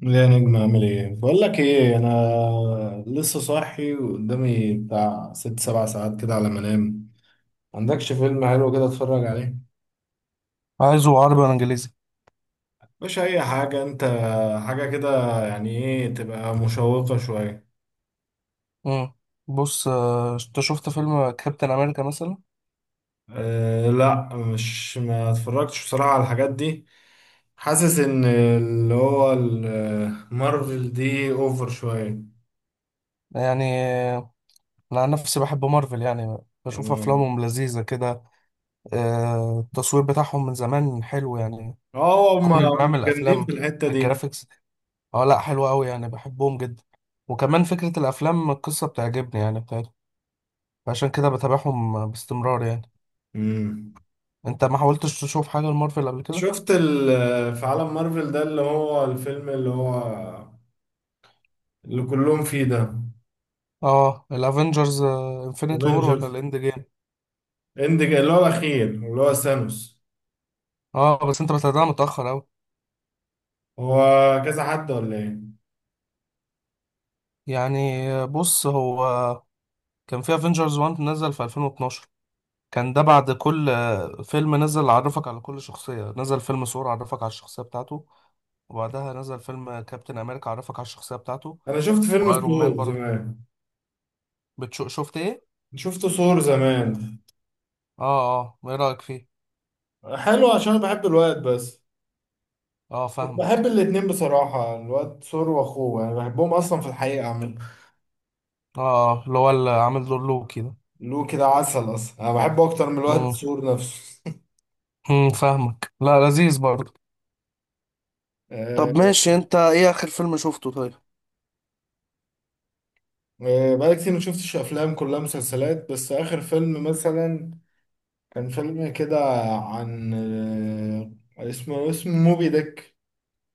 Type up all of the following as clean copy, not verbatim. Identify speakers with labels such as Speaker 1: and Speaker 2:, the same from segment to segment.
Speaker 1: لا يا نجم، اعمل ايه؟ بقول لك ايه، انا لسه صاحي وقدامي بتاع 6 7 ساعات كده على ما انام. عندكش فيلم حلو كده اتفرج عليه؟
Speaker 2: عايزه عربي ولا انجليزي؟
Speaker 1: مش اي حاجه انت، حاجه كده، يعني ايه تبقى مشوقه شويه.
Speaker 2: امم بص، انت شفت فيلم كابتن امريكا مثلا؟
Speaker 1: أه لا، مش ما اتفرجتش بصراحه على الحاجات دي. حاسس ان اللي هو مارفل دي اوفر شويه.
Speaker 2: يعني آه، انا عن نفسي بحب مارفل يعني. بشوف
Speaker 1: اه،
Speaker 2: افلامهم لذيذه كده. التصوير بتاعهم من زمان حلو يعني.
Speaker 1: آه، هم
Speaker 2: كون انه
Speaker 1: هم
Speaker 2: يعمل
Speaker 1: جامدين في
Speaker 2: افلام،
Speaker 1: الحته دي.
Speaker 2: الجرافيكس، اه لا حلو قوي يعني، بحبهم جدا. وكمان فكره الافلام، القصه بتعجبني يعني بتاعتهم. عشان كده بتابعهم باستمرار يعني.
Speaker 1: مم.
Speaker 2: انت ما حاولتش تشوف حاجه لمارفل قبل كده؟
Speaker 1: شفت في عالم مارفل ده، اللي هو الفيلم اللي هو اللي كلهم فيه ده.
Speaker 2: اه، الافنجرز انفينيتي وور ولا
Speaker 1: افنجرز
Speaker 2: الاند جيم؟
Speaker 1: اند، اللي هو الاخير اللي هو ثانوس.
Speaker 2: اه بس انت بتابعها متاخر قوي.
Speaker 1: هو كذا حد ولا ايه؟
Speaker 2: يعني بص هو كان في افنجرز 1 نزل في 2012. كان ده بعد كل فيلم نزل عرفك على كل شخصية. نزل فيلم ثور عرفك على الشخصية بتاعته، وبعدها نزل فيلم كابتن امريكا عرفك على الشخصية بتاعته،
Speaker 1: انا شفت فيلم
Speaker 2: وايرون مان
Speaker 1: ثور
Speaker 2: برضه.
Speaker 1: زمان.
Speaker 2: شفت ايه؟
Speaker 1: شفت ثور زمان.
Speaker 2: اه اه، ايه رأيك فيه؟
Speaker 1: حلو عشان أنا بحب الواد، بس
Speaker 2: اه
Speaker 1: بحب
Speaker 2: فاهمك.
Speaker 1: الاتنين بصراحة، الواد ثور واخوه، يعني بحبهم اصلا في الحقيقة. عامل
Speaker 2: اه، اللي هو اللي عامل دور لوكي ده.
Speaker 1: له كده عسل اصلا، انا بحبه اكتر من الواد
Speaker 2: امم
Speaker 1: ثور نفسه.
Speaker 2: فاهمك. لا لذيذ برضه. طب ماشي، انت ايه اخر فيلم شفته طيب؟
Speaker 1: آه، بقالي كتير ما شفتش افلام، كلها مسلسلات، بس اخر فيلم مثلا كان فيلم كده عن، آه، اسمه موبي ديك،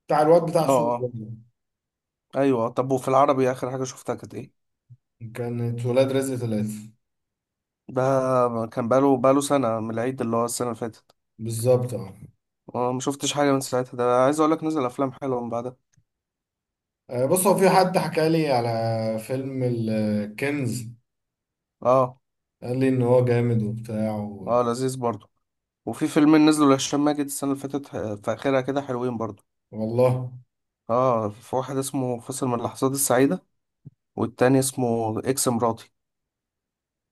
Speaker 1: بتاع الواد بتاع
Speaker 2: اه
Speaker 1: سوريا
Speaker 2: اه.
Speaker 1: ده.
Speaker 2: ايوه، طب وفي العربي اخر حاجة شفتها كانت ايه؟
Speaker 1: كانت ولاد رزق 3.
Speaker 2: ده كان بقاله سنة من العيد، اللي هو السنة اللي فاتت.
Speaker 1: بالظبط اه.
Speaker 2: اه ما شفتش حاجة من ساعتها. ده عايز اقول لك نزل افلام حلوة من بعدها.
Speaker 1: آه، بص هو في حد حكى لي على فيلم الكنز،
Speaker 2: اه.
Speaker 1: قال لي ان هو جامد وبتاع
Speaker 2: اه لذيذ برضه. وفي فيلمين نزلوا لهشام ماجد السنة اللي فاتت، في اخرها كده، حلوين برضه.
Speaker 1: والله.
Speaker 2: اه، في واحد اسمه فاصل من اللحظات السعيدة والتاني اسمه اكس مراتي.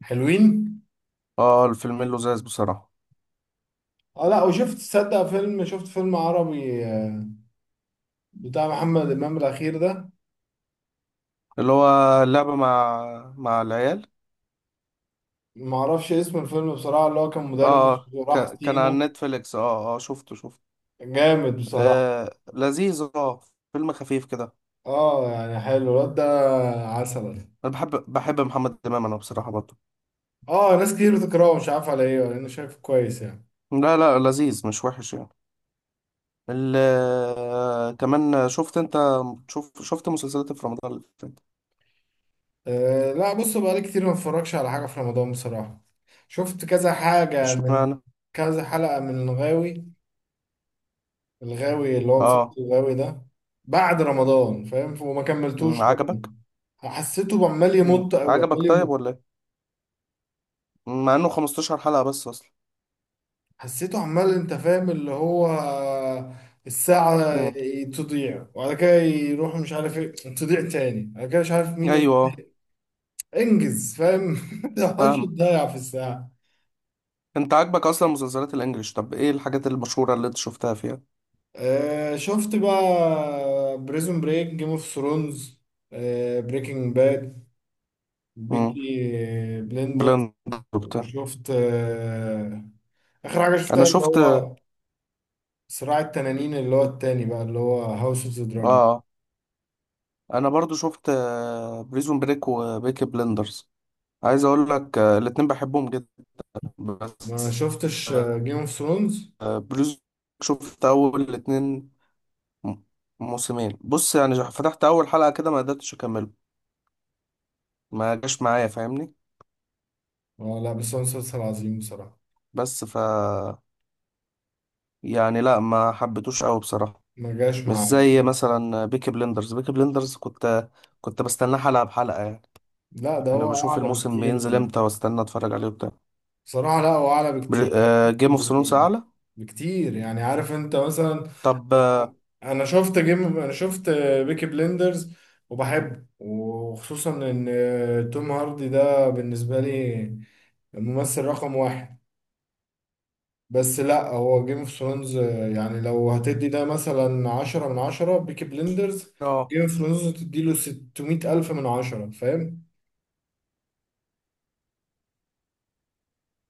Speaker 1: حلوين.
Speaker 2: اه، الفيلمين لذاذ بصراحة.
Speaker 1: اه لا، وشفت تصدق فيلم، شفت فيلم عربي آه، بتاع محمد امام الاخير ده،
Speaker 2: اللي هو اللعبة مع العيال.
Speaker 1: ما اعرفش اسم الفيلم بصراحه، اللي هو كان مدرس
Speaker 2: اه،
Speaker 1: وراح
Speaker 2: كان على
Speaker 1: سينا.
Speaker 2: نتفليكس. اه اه شفته.
Speaker 1: جامد بصراحه.
Speaker 2: آه لذيذ اه. فيلم خفيف كده.
Speaker 1: اه، يعني حلو الواد ده، عسل.
Speaker 2: انا بحب محمد امام انا بصراحه برضه.
Speaker 1: اه، ناس كتير بتكرهه، مش عارف على ايه، انا شايفه كويس يعني.
Speaker 2: لا لا، لذيذ مش وحش يعني. ال آه، كمان شفت انت، شفت مسلسلات في رمضان اللي فات؟
Speaker 1: آه لا، بص بقالي كتير ما اتفرجش على حاجه في رمضان بصراحه. شفت كذا حاجه من،
Speaker 2: اشمعنى؟
Speaker 1: كذا حلقه من الغاوي، الغاوي اللي هو مسلسل
Speaker 2: اه.
Speaker 1: الغاوي ده، بعد رمضان فاهم، وما كملتوش
Speaker 2: عجبك؟
Speaker 1: كمان. حسيته عمال يمط قوي،
Speaker 2: عجبك
Speaker 1: عمال
Speaker 2: طيب
Speaker 1: يمط.
Speaker 2: ولا ايه؟ مع انه 15 حلقه بس اصلا.
Speaker 1: حسيته عمال، انت فاهم، اللي هو الساعة
Speaker 2: أمم.
Speaker 1: تضيع وبعد كده يروح مش عارف ايه، تضيع تاني بعد كده مش عارف مين و...
Speaker 2: ايوه،
Speaker 1: انجز فاهم. ما تقعدش
Speaker 2: فاهمك.
Speaker 1: تضيع في الساعة.
Speaker 2: انت عاجبك اصلا مسلسلات الانجليش؟ طب ايه الحاجات المشهوره اللي انت شفتها فيها؟
Speaker 1: آه شفت بقى بريزون بريك، جيم اوف ثرونز، آه بريكنج باد،
Speaker 2: أمم.
Speaker 1: بيكي بلندر،
Speaker 2: بلاند وبتاع.
Speaker 1: وشفت اخر حاجة
Speaker 2: انا
Speaker 1: شفتها اللي
Speaker 2: شفت اه.
Speaker 1: هو صراع التنانين، اللي هو التاني بقى اللي هو هاوس اوف ذا دراجون.
Speaker 2: آه. انا برضو شفت بريزون بريك وبيكي بلندرز. عايز اقول لك الاتنين بحبهم جدا
Speaker 1: ما
Speaker 2: بس.
Speaker 1: شفتش جيم اوف ثرونز.
Speaker 2: بلوز. شفت اول الاتنين. م- موسمين. بص يعني، فتحت اول حلقة كده ما قدرتش اكمله. ما جاش معايا فاهمني.
Speaker 1: اه لا، بس هو مسلسل عظيم بصراحة.
Speaker 2: بس ف يعني لا، ما حبيتوش قوي بصراحة.
Speaker 1: ما جاش
Speaker 2: مش
Speaker 1: معاه،
Speaker 2: زي مثلا بيكي بلندرز. بيكي بلندرز كنت بستناه حلقة بحلقة يعني.
Speaker 1: لا ده
Speaker 2: يعني
Speaker 1: هو
Speaker 2: بشوف
Speaker 1: أعلى
Speaker 2: الموسم
Speaker 1: بكتير.
Speaker 2: بينزل امتى واستنى اتفرج عليه وبتاع.
Speaker 1: بصراحة لا، هو أعلى بكتير. شفت
Speaker 2: جيم اوف ثرونز
Speaker 1: الاتنين
Speaker 2: اعلى.
Speaker 1: بكتير يعني، عارف أنت مثلا؟
Speaker 2: طب
Speaker 1: لا،
Speaker 2: اه
Speaker 1: أنا شفت جيم، أنا شفت بيكي بليندرز وبحبه، وخصوصا إن توم هاردي ده بالنسبة لي الممثل رقم واحد. بس لا، هو جيم اوف ثرونز يعني، لو هتدي ده مثلا 10 من 10، بيكي بليندرز،
Speaker 2: آه،
Speaker 1: جيم اوف ثرونز تديله 600 ألف من 10، فاهم؟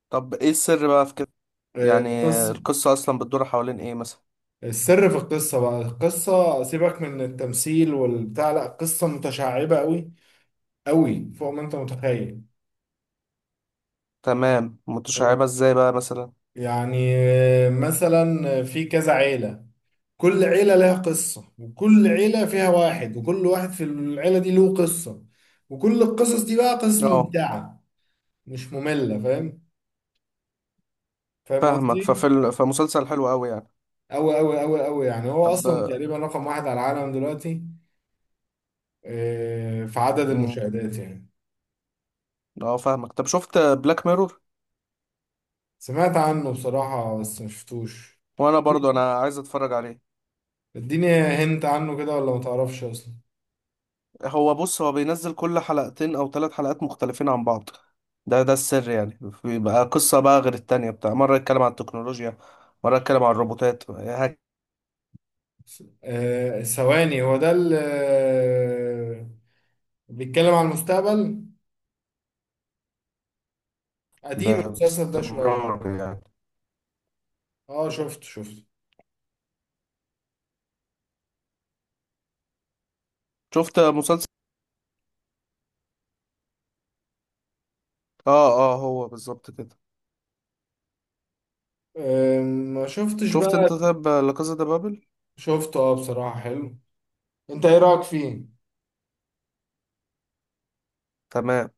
Speaker 2: طب ايه السر بقى في كده؟
Speaker 1: آه،
Speaker 2: يعني
Speaker 1: القصة.
Speaker 2: القصة أصلا بتدور حوالين إيه مثلا؟
Speaker 1: السر في القصة بقى، القصة، سيبك من التمثيل والبتاع، لا قصة متشعبة قوي، قوي فوق ما انت متخيل.
Speaker 2: تمام،
Speaker 1: و-
Speaker 2: متشعبة إزاي بقى مثلا؟
Speaker 1: يعني آه، مثلا في كذا عيلة، كل عيلة لها قصة، وكل عيلة فيها واحد، وكل واحد في العيلة دي له قصة. وكل القصص دي بقى قصص
Speaker 2: اه
Speaker 1: ممتعة، مش مملة فاهم، فاهم
Speaker 2: فاهمك.
Speaker 1: قصدي؟
Speaker 2: فمسلسل حلو أوي يعني.
Speaker 1: أوي أوي أوي أوي، يعني هو أصلا
Speaker 2: طب.
Speaker 1: تقريبا رقم واحد على العالم دلوقتي، آه، في عدد
Speaker 2: مم.
Speaker 1: المشاهدات يعني.
Speaker 2: اه فاهمك. طب شفت بلاك ميرور؟
Speaker 1: سمعت عنه بصراحة، بس مشفتوش.
Speaker 2: وأنا برضو عايز أتفرج عليه.
Speaker 1: اديني هنت عنه كده، ولا ما تعرفش اصلا؟
Speaker 2: هو بص بينزل كل حلقتين أو 3 حلقات مختلفين عن بعض. ده السر يعني. بيبقى قصة بقى غير التانية بتاع. مرة يتكلم عن التكنولوجيا، مرة يتكلم عن الروبوتات
Speaker 1: آه ثواني، هو ده اللي آه، بيتكلم عن المستقبل. قديم المسلسل ده شوية.
Speaker 2: باستمرار يعني.
Speaker 1: اه شفت.
Speaker 2: شفت مسلسل. اه اه، هو بالظبط كده.
Speaker 1: آه ما شفتش
Speaker 2: شفت
Speaker 1: بقى.
Speaker 2: انت طيب لا كازا دي بابل؟
Speaker 1: شفته اه، بصراحة حلو. انت ايه رأيك فيه؟
Speaker 2: تمام.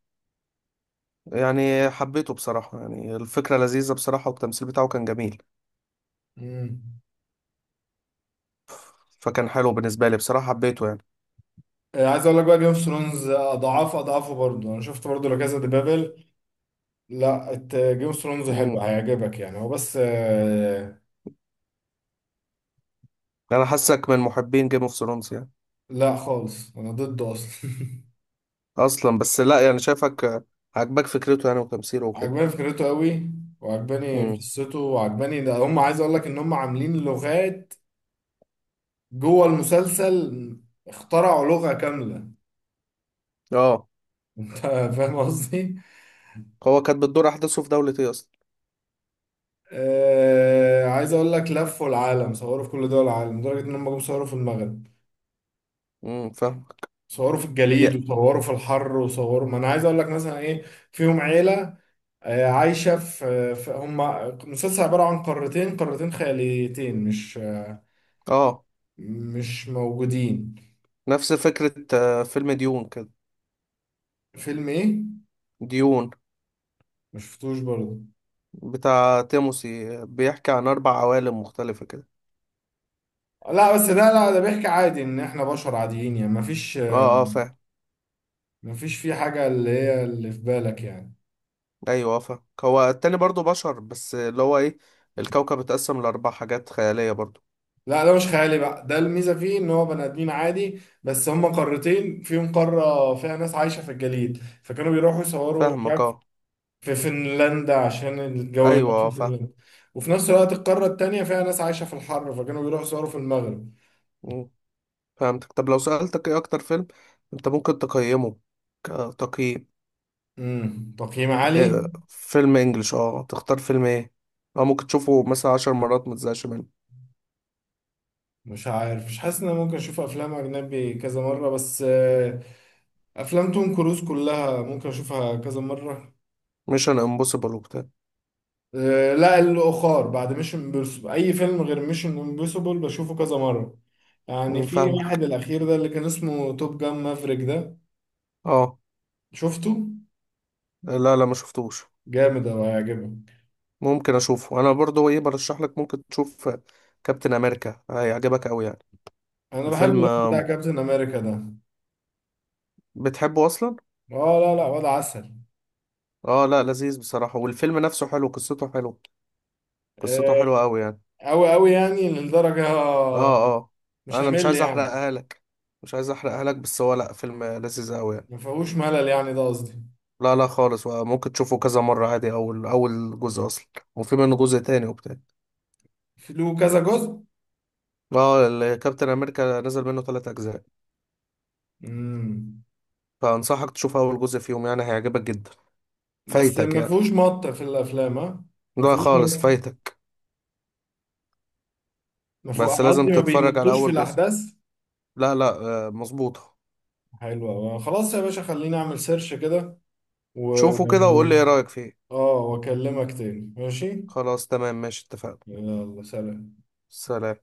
Speaker 2: يعني حبيته بصراحة، يعني الفكرة لذيذة بصراحة، والتمثيل بتاعه كان جميل.
Speaker 1: مم.
Speaker 2: فكان حلو بالنسبة لي بصراحة، حبيته يعني.
Speaker 1: آه، عايز اقول لك بقى، جيم اوف ثرونز اضعاف اضعافه برضه. انا شفت برضه لا كازا دي بابل، لا، جيم اوف ثرونز حلو
Speaker 2: امم
Speaker 1: هيعجبك يعني، هو بس آه،
Speaker 2: انا حاسك من محبين جيم اوف ثرونز يعني
Speaker 1: لا خالص انا ضده اصلا.
Speaker 2: اصلا. بس لا يعني شايفك عاجبك فكرته يعني وتمثيله وكده.
Speaker 1: عجباني فكرته قوي، وعجباني
Speaker 2: امم
Speaker 1: قصته، وعجباني ده، هم عايز اقول لك ان هم عاملين لغات جوه المسلسل، اخترعوا لغة كاملة.
Speaker 2: اه.
Speaker 1: انت فاهم قصدي.
Speaker 2: هو كانت بتدور احداثه في دولة ايه اصلا؟
Speaker 1: آه، عايز اقول لك لفوا العالم، صوروا في كل دول العالم، لدرجة ان هم جم صوروا في المغرب.
Speaker 2: فاهمك.
Speaker 1: صوروا في الجليد،
Speaker 2: يا-
Speaker 1: وصوروا في الحر، وصوروا، ما انا عايز اقول لك مثلا ايه. فيهم عيلة آه، عايشة هم مسلسل عبارة عن قارتين، قارتين خياليتين، مش
Speaker 2: اه،
Speaker 1: مش موجودين.
Speaker 2: نفس فكرة فيلم ديون كده.
Speaker 1: فيلم ايه؟
Speaker 2: ديون،
Speaker 1: مشفتوش برضه.
Speaker 2: بتاع تيموسي، بيحكي عن 4 عوالم مختلفة كده.
Speaker 1: لا بس ده، لا ده بيحكي عادي ان احنا بشر عاديين يعني، مفيش
Speaker 2: اه اه فاهم.
Speaker 1: مفيش فيه حاجة اللي هي اللي في بالك يعني.
Speaker 2: ايوه، فاهم. هو التاني برضو بشر بس اللي هو ايه، الكوكب اتقسم لاربع حاجات خيالية برضو.
Speaker 1: لا ده مش خيالي بقى، ده الميزة فيه ان هو بني ادمين عادي، بس هما قارتين فيهم قارة فيها ناس عايشة في الجليد، فكانوا بيروحوا يصوروا مش
Speaker 2: فاهمك
Speaker 1: عارف
Speaker 2: اه.
Speaker 1: في فنلندا عشان الجو
Speaker 2: ايوه،
Speaker 1: هناك في
Speaker 2: فاهم.
Speaker 1: فنلندا. وفي نفس الوقت القارة التانية فيها ناس عايشة في الحر، فكانوا بيروحوا يصوروا في المغرب.
Speaker 2: مم، فهمتك. طب لو سألتك ايه اكتر فيلم انت ممكن تقيمه كتقييم؟
Speaker 1: تقييم عالي.
Speaker 2: إيه فيلم انجلش اه تختار فيلم ايه اه ممكن تشوفه مثلا 10 مرات ما تزهقش منه؟
Speaker 1: مش عارف، مش حاسس ان انا ممكن اشوف افلام اجنبي كذا مره، بس آه، افلام توم كروز كلها ممكن اشوفها كذا مره.
Speaker 2: ميشن امبوسيبل وبتاع؟
Speaker 1: آه، لا الاخر بعد ميشن امبوسيبل، اي فيلم غير ميشن امبوسيبل بشوفه كذا مره. يعني
Speaker 2: مم،
Speaker 1: في
Speaker 2: فاهمك.
Speaker 1: واحد الاخير ده اللي كان اسمه توب جان مافريك ده،
Speaker 2: اه.
Speaker 1: شفته؟
Speaker 2: لا لا، ما شفتوش.
Speaker 1: جامد اوي هيعجبك.
Speaker 2: ممكن اشوفه انا برضو. ايه برشح لك ممكن تشوف؟ كابتن امريكا، هيعجبك قوي يعني.
Speaker 1: انا بحب
Speaker 2: الفيلم
Speaker 1: الواد بتاع كابتن امريكا ده.
Speaker 2: بتحبه اصلا.
Speaker 1: اه لا لا، واد عسل.
Speaker 2: اه لا لذيذ بصراحة، والفيلم نفسه حلو، قصته حلو، قصته
Speaker 1: آه،
Speaker 2: حلوة قوي يعني.
Speaker 1: اوي اوي يعني لدرجه،
Speaker 2: اه اه.
Speaker 1: مش
Speaker 2: انا مش
Speaker 1: همل
Speaker 2: عايز
Speaker 1: يعني،
Speaker 2: احرقها لك، مش عايز احرقها لك، بس هو لا، فيلم لذيذ قوي يعني.
Speaker 1: ما فيهوش ملل يعني ده قصدي.
Speaker 2: لا لا خالص، ممكن تشوفه كذا مرة عادي. اول جزء اصلا، وفي منه جزء تاني وبتاع.
Speaker 1: له كذا جزء؟
Speaker 2: اه كابتن امريكا نزل منه 3 اجزاء.
Speaker 1: امم.
Speaker 2: فانصحك تشوف اول جزء فيهم يعني، هيعجبك جدا.
Speaker 1: بس
Speaker 2: فايتك
Speaker 1: ما
Speaker 2: يعني.
Speaker 1: فيهوش مط في الافلام ها؟ ما
Speaker 2: لا
Speaker 1: فيهوش
Speaker 2: خالص
Speaker 1: مط،
Speaker 2: فايتك.
Speaker 1: ما فيه،
Speaker 2: بس
Speaker 1: انا
Speaker 2: لازم
Speaker 1: قصدي ما
Speaker 2: تتفرج على
Speaker 1: بيمطوش في
Speaker 2: اول جزء.
Speaker 1: الاحداث.
Speaker 2: لا لا. مظبوطة.
Speaker 1: حلو أوي. خلاص يا باشا، خليني اعمل سيرش كده و
Speaker 2: شوفه كده وقول لي ايه رأيك فيه.
Speaker 1: اه واكلمك تاني ماشي.
Speaker 2: خلاص تمام ماشي، اتفقنا.
Speaker 1: يلا سلام.
Speaker 2: سلام.